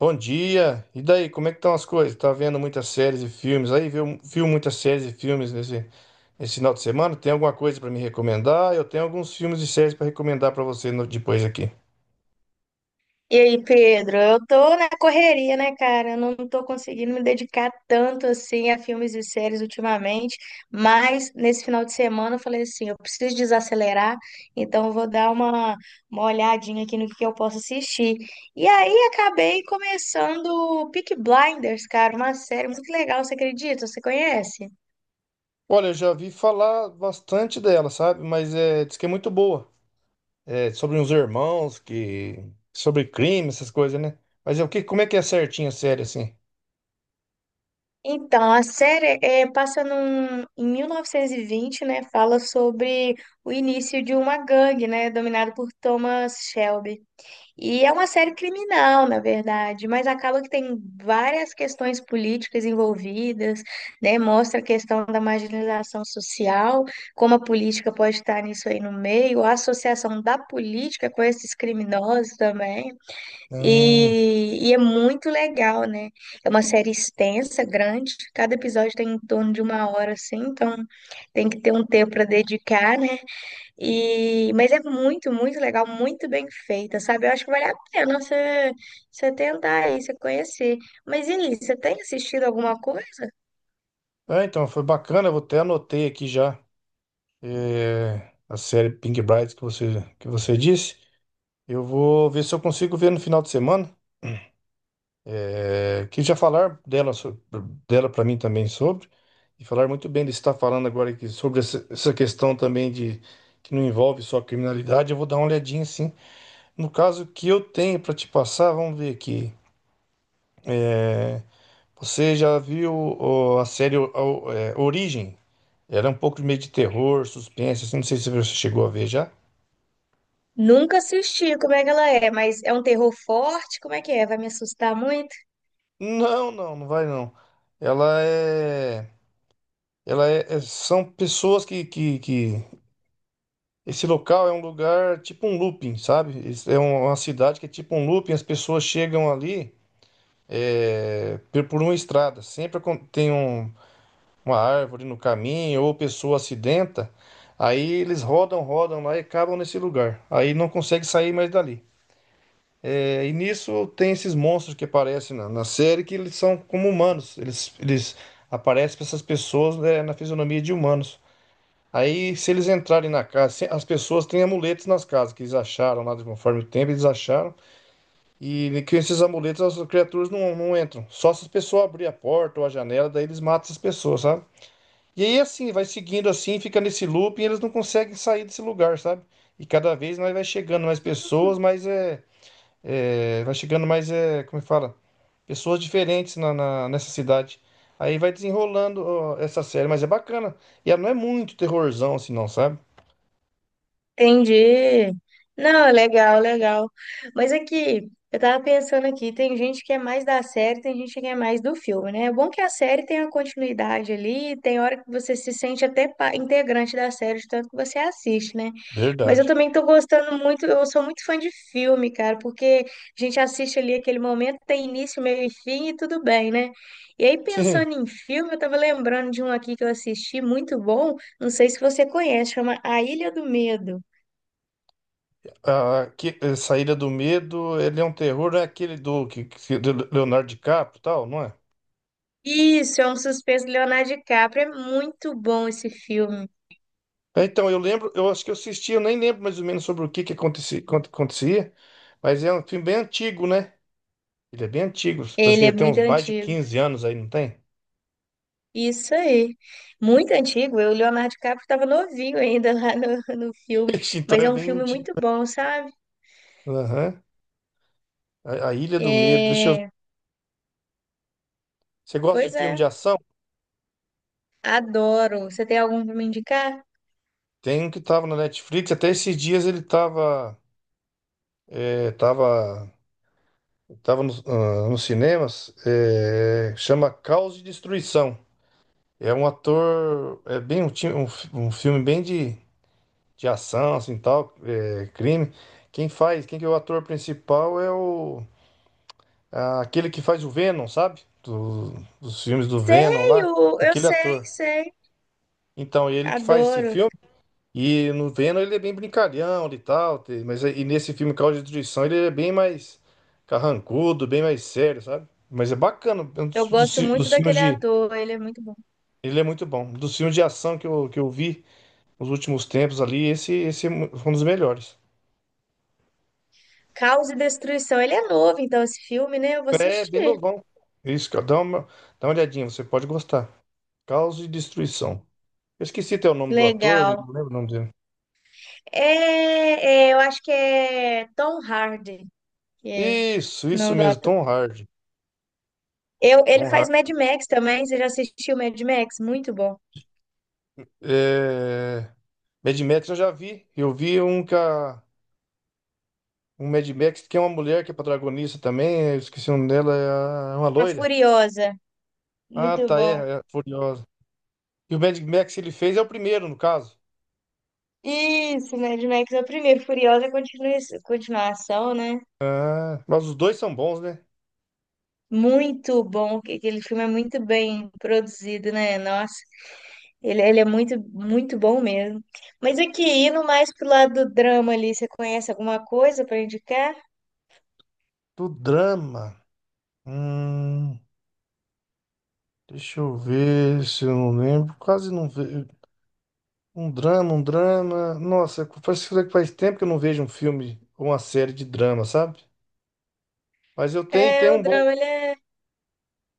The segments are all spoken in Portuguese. Bom dia. E daí, como é que estão as coisas? Tá vendo muitas séries e filmes aí? Viu muitas séries e filmes nesse final de semana? Tem alguma coisa para me recomendar? Eu tenho alguns filmes e séries para recomendar para você depois aqui. E aí, Pedro, eu tô na correria, né, cara? Eu não tô conseguindo me dedicar tanto assim a filmes e séries ultimamente, mas nesse final de semana eu falei assim, eu preciso desacelerar, então eu vou dar uma olhadinha aqui no que eu posso assistir. E aí acabei começando Peaky Blinders, cara, uma série muito legal, você acredita? Você conhece? Olha, eu já vi falar bastante dela, sabe? Mas é, diz que é muito boa. É sobre uns irmãos que sobre crime, essas coisas, né? Mas é o que, como é que é certinho a série assim? Então, a série é, passa em 1920, né? Fala sobre o início de uma gangue, né? Dominado por Thomas Shelby. E é uma série criminal, na verdade, mas acaba que tem várias questões políticas envolvidas, né? Mostra a questão da marginalização social, como a política pode estar nisso aí no meio, a associação da política com esses criminosos também. Hum, E é muito legal, né? É uma série extensa, grande. Cada episódio tem em torno de uma hora, assim, então tem que ter um tempo para dedicar, né? E, mas é muito, muito legal, muito bem feita, sabe? Eu acho que vale a pena você tentar aí, você conhecer. Mas, Eli, você tem assistido alguma coisa? é, então foi bacana, eu até anotei aqui já é, a série Pink Brides que você disse. Eu vou ver se eu consigo ver no final de semana, é, que já falar dela para mim também sobre, e falar muito bem de estar falando agora aqui sobre essa questão também de que não envolve só criminalidade, eu vou dar uma olhadinha sim. No caso que eu tenho para te passar, vamos ver aqui. Você já viu ó, a série Origem? Era um pouco de meio de terror, suspense, assim, não sei se você chegou a ver já. Nunca assisti, como é que ela é? Mas é um terror forte? Como é que é? Vai me assustar muito? Não vai não. Ela é, ela é, são pessoas que esse local é um lugar tipo um looping, sabe? Esse É uma cidade que é tipo um looping, as pessoas chegam ali é, por uma estrada. Sempre tem uma árvore no caminho ou pessoa acidenta. Aí eles rodam lá e acabam nesse lugar. Aí não consegue sair mais dali. É, e nisso tem esses monstros que aparecem na série que eles são como humanos. Eles aparecem para essas pessoas né, na fisionomia de humanos. Aí, se eles entrarem na casa, as pessoas têm amuletos nas casas que eles acharam lá, de conforme o tempo eles acharam, e que esses amuletos as criaturas não entram. Só se as pessoas abrir a porta ou a janela, daí eles matam as pessoas, sabe? E aí, assim, vai seguindo assim, fica nesse loop e eles não conseguem sair desse lugar, sabe? E cada vez mais vai chegando mais pessoas, vai chegando mais, como é que fala? Pessoas diferentes nessa cidade. Aí vai desenrolando ó, essa série, mas é bacana. E ela não é muito terrorzão assim, não, sabe? Entendi. Não, legal, legal. Mas aqui, eu tava pensando aqui, tem gente que é mais da série, tem gente que é mais do filme, né? É bom que a série tem a continuidade ali, tem hora que você se sente até integrante da série, de tanto que você assiste, né? Mas eu Verdade. também tô gostando muito, eu sou muito fã de filme, cara, porque a gente assiste ali aquele momento, tem início, meio e fim e tudo bem, né? E aí, Sim, pensando em filme, eu tava lembrando de um aqui que eu assisti, muito bom, não sei se você conhece, chama A Ilha do Medo. A Saída do Medo, ele é um terror, é aquele do Leonardo DiCaprio e tal, não é? Isso, é um suspense do Leonardo DiCaprio. É muito bom esse filme. É, então, eu lembro, eu acho que eu assisti, eu nem lembro mais ou menos sobre o que que acontecia, quanto acontecia, mas é um filme bem antigo, né? Ele é bem antigo, parece Ele que já é tem muito uns mais de antigo. 15 anos aí, não tem? Isso aí. Muito antigo. Eu, o Leonardo DiCaprio estava novinho ainda lá no filme. Ixi, então Mas é é um bem filme antigo. muito bom, sabe? Aham. A Ilha do Medo, deixa eu ver. É... Você gosta de Pois filme é. de ação? Adoro. Você tem algum para me indicar? Tem um que tava na Netflix, até esses dias ele tava, estava estava nos nos cinemas, é, chama Caos e Destruição. É um ator, é bem um filme bem de ação, assim, tal, é, crime. Quem que é o ator principal é o, ah, aquele que faz o Venom, sabe? Dos filmes do Venom Sei, lá, eu aquele sei, ator. sei. Então, ele que faz esse Adoro. filme. E no Venom ele é bem brincalhão e tal, e nesse filme Causa de Destruição ele é bem mais carrancudo, bem mais sério, sabe? Mas é bacana, é um Eu gosto muito dos filmes daquele de. ator. Ele é muito bom. Ele é muito bom. Dos filmes de ação que eu vi nos últimos tempos ali, foi um dos melhores. Caos e Destruição. Ele é novo, então, esse filme, né? Eu vou É bem assistir. novão. Isso, cara, dá uma olhadinha, você pode gostar. Causa de Destruição. Eu esqueci até o nome do ator, Legal. não lembro o nome dele. É, é, eu acho que é Tom Hardy, que é o Isso nome do mesmo, ator. Tom Hardy. Eu, ele Tom faz Mad Hardy. Max também. Você já assistiu Mad Max? Muito bom. É. Mad Max eu já vi. Eu vi um Mad Max que é uma mulher que é protagonista também. Eu esqueci o nome dela, é uma A loira. Furiosa, Ah, muito tá, bom. É Furiosa. E o Mad Max ele fez é o primeiro, no caso. Isso, Mad Max é o primeiro. Furiosa é continuação, né? Ah, mas os dois são bons, né? Muito bom. Aquele filme é muito bem produzido, né? Nossa, ele é muito, muito bom mesmo. Mas aqui, indo mais pro lado do drama ali, você conhece alguma coisa para indicar? Do drama. Hum, deixa eu ver se eu não lembro. Quase não vejo. Um drama. Nossa, faz tempo que eu não vejo um filme ou uma série de drama, sabe? Mas É, tenho o um bom. drama, ele é.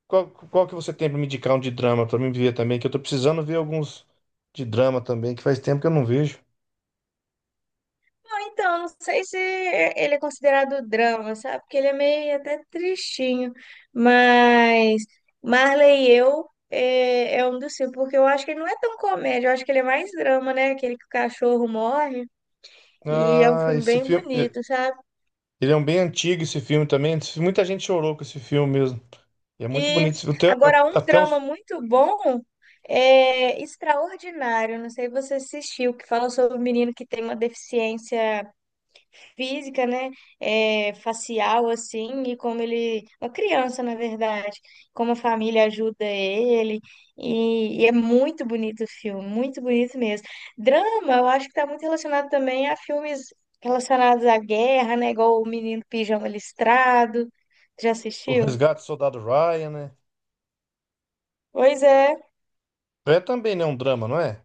Qual que você tem pra me indicar um de drama pra mim ver também? Que eu tô precisando ver alguns de drama também, que faz tempo que eu não vejo. Então, não sei se ele é considerado drama, sabe? Porque ele é meio até tristinho. Mas Marley e Eu é, é um dos filmes, porque eu acho que ele não é tão comédia, eu acho que ele é mais drama, né? Aquele que o cachorro morre. E é um Ah, filme esse bem filme. Eh, bonito, sabe? ele é um bem antigo, esse filme também. Muita gente chorou com esse filme mesmo. E é muito E bonito. Agora, um até drama os- muito bom é Extraordinário. Não sei se você assistiu, que fala sobre um menino que tem uma deficiência física, né, é, facial, assim, e como ele, uma criança, na verdade, como a família ajuda ele, e é muito bonito o filme, muito bonito mesmo. Drama, eu acho que está muito relacionado também a filmes relacionados à guerra, né, igual O Menino Pijama Listrado, já o assistiu? Resgate do Soldado Ryan, né? Pois é, É também, né? Um drama, não é?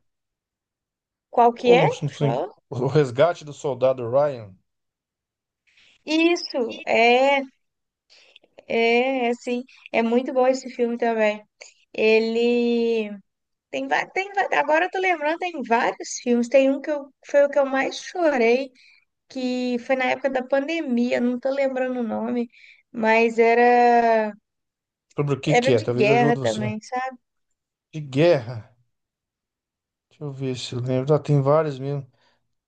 qual que Ou é? não, não Que você sei. falou? O Resgate do Soldado Ryan. Isso, é, é, é, sim, é muito bom esse filme também. Ele tem, tem, agora eu tô lembrando, tem vários filmes. Tem um que eu, foi o que eu mais chorei, que foi na época da pandemia, não tô lembrando o nome, mas era, Sobre o que que era é? de Talvez eu guerra ajude você. também, sabe? De guerra. Deixa eu ver se eu lembro. Ah, tem vários mesmo.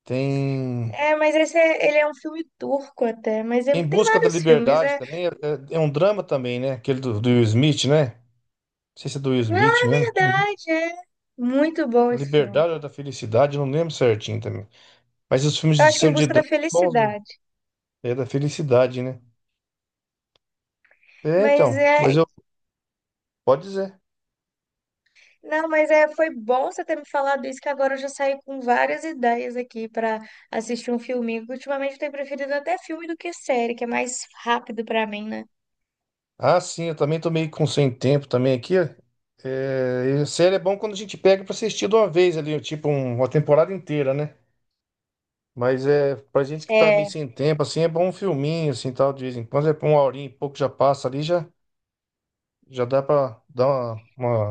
Tem. É, mas esse é, ele é um filme turco até, Em tem Busca da vários filmes, Liberdade é. também é um drama também, né? Aquele do Will Smith, né? Não sei se é do Will Na Smith mesmo. Uhum. verdade, é muito bom A esse filme. Liberdade ou da Felicidade, eu não lembro certinho também. Mas os filmes Eu de acho que é Em sempre de Busca da drama são bons, mesmo. Felicidade. É da felicidade, né? É, Mas então, mas é, eu pode dizer. não, mas é, foi bom você ter me falado isso, que agora eu já saí com várias ideias aqui para assistir um filminho. Que Ultimamente eu tenho preferido até filme do que série, que é mais rápido para mim, né? Ah, sim, eu também tô meio com sem tempo também aqui. Ó, é, e série é bom quando a gente pega pra assistir de uma vez ali, tipo uma temporada inteira, né? Mas é pra gente que tá meio É, sem tempo, assim, é bom um filminho, assim, tal, de vez em quando, é pra uma horinha e pouco já passa ali, já. Já dá pra dar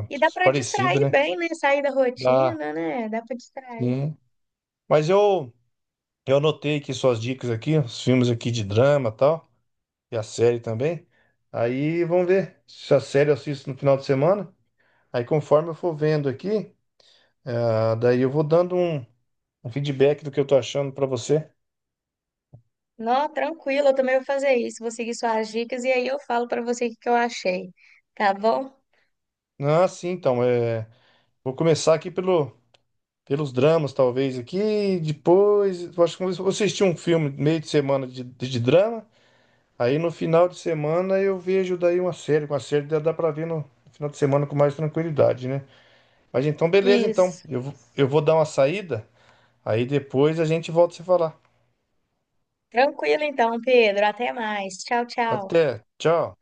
uma e dá para parecida, distrair né? bem, né? Sair da Dá, rotina, né? Dá para distrair. sim. Mas eu, eu anotei aqui suas dicas aqui, os filmes aqui de drama e tal, e a série também. Aí vamos ver se a série eu assisto no final de semana. Aí conforme eu for vendo aqui, ah, daí eu vou dando um feedback do que eu tô achando pra você. Não, tranquilo, eu também vou fazer isso. Vou seguir suas dicas e aí eu falo para você o que que eu achei, tá bom? Ah, sim, então, é, vou começar aqui pelo, pelos dramas, talvez, aqui, depois, eu acho que eu vou assistir um filme meio de semana de drama. Aí no final de semana eu vejo daí uma série, dá, dá pra ver no final de semana com mais tranquilidade, né? Mas então, beleza, então. Isso. Eu vou dar uma saída, aí depois a gente volta a se falar. Tranquilo então, Pedro. Até mais. Tchau, tchau. Até, tchau.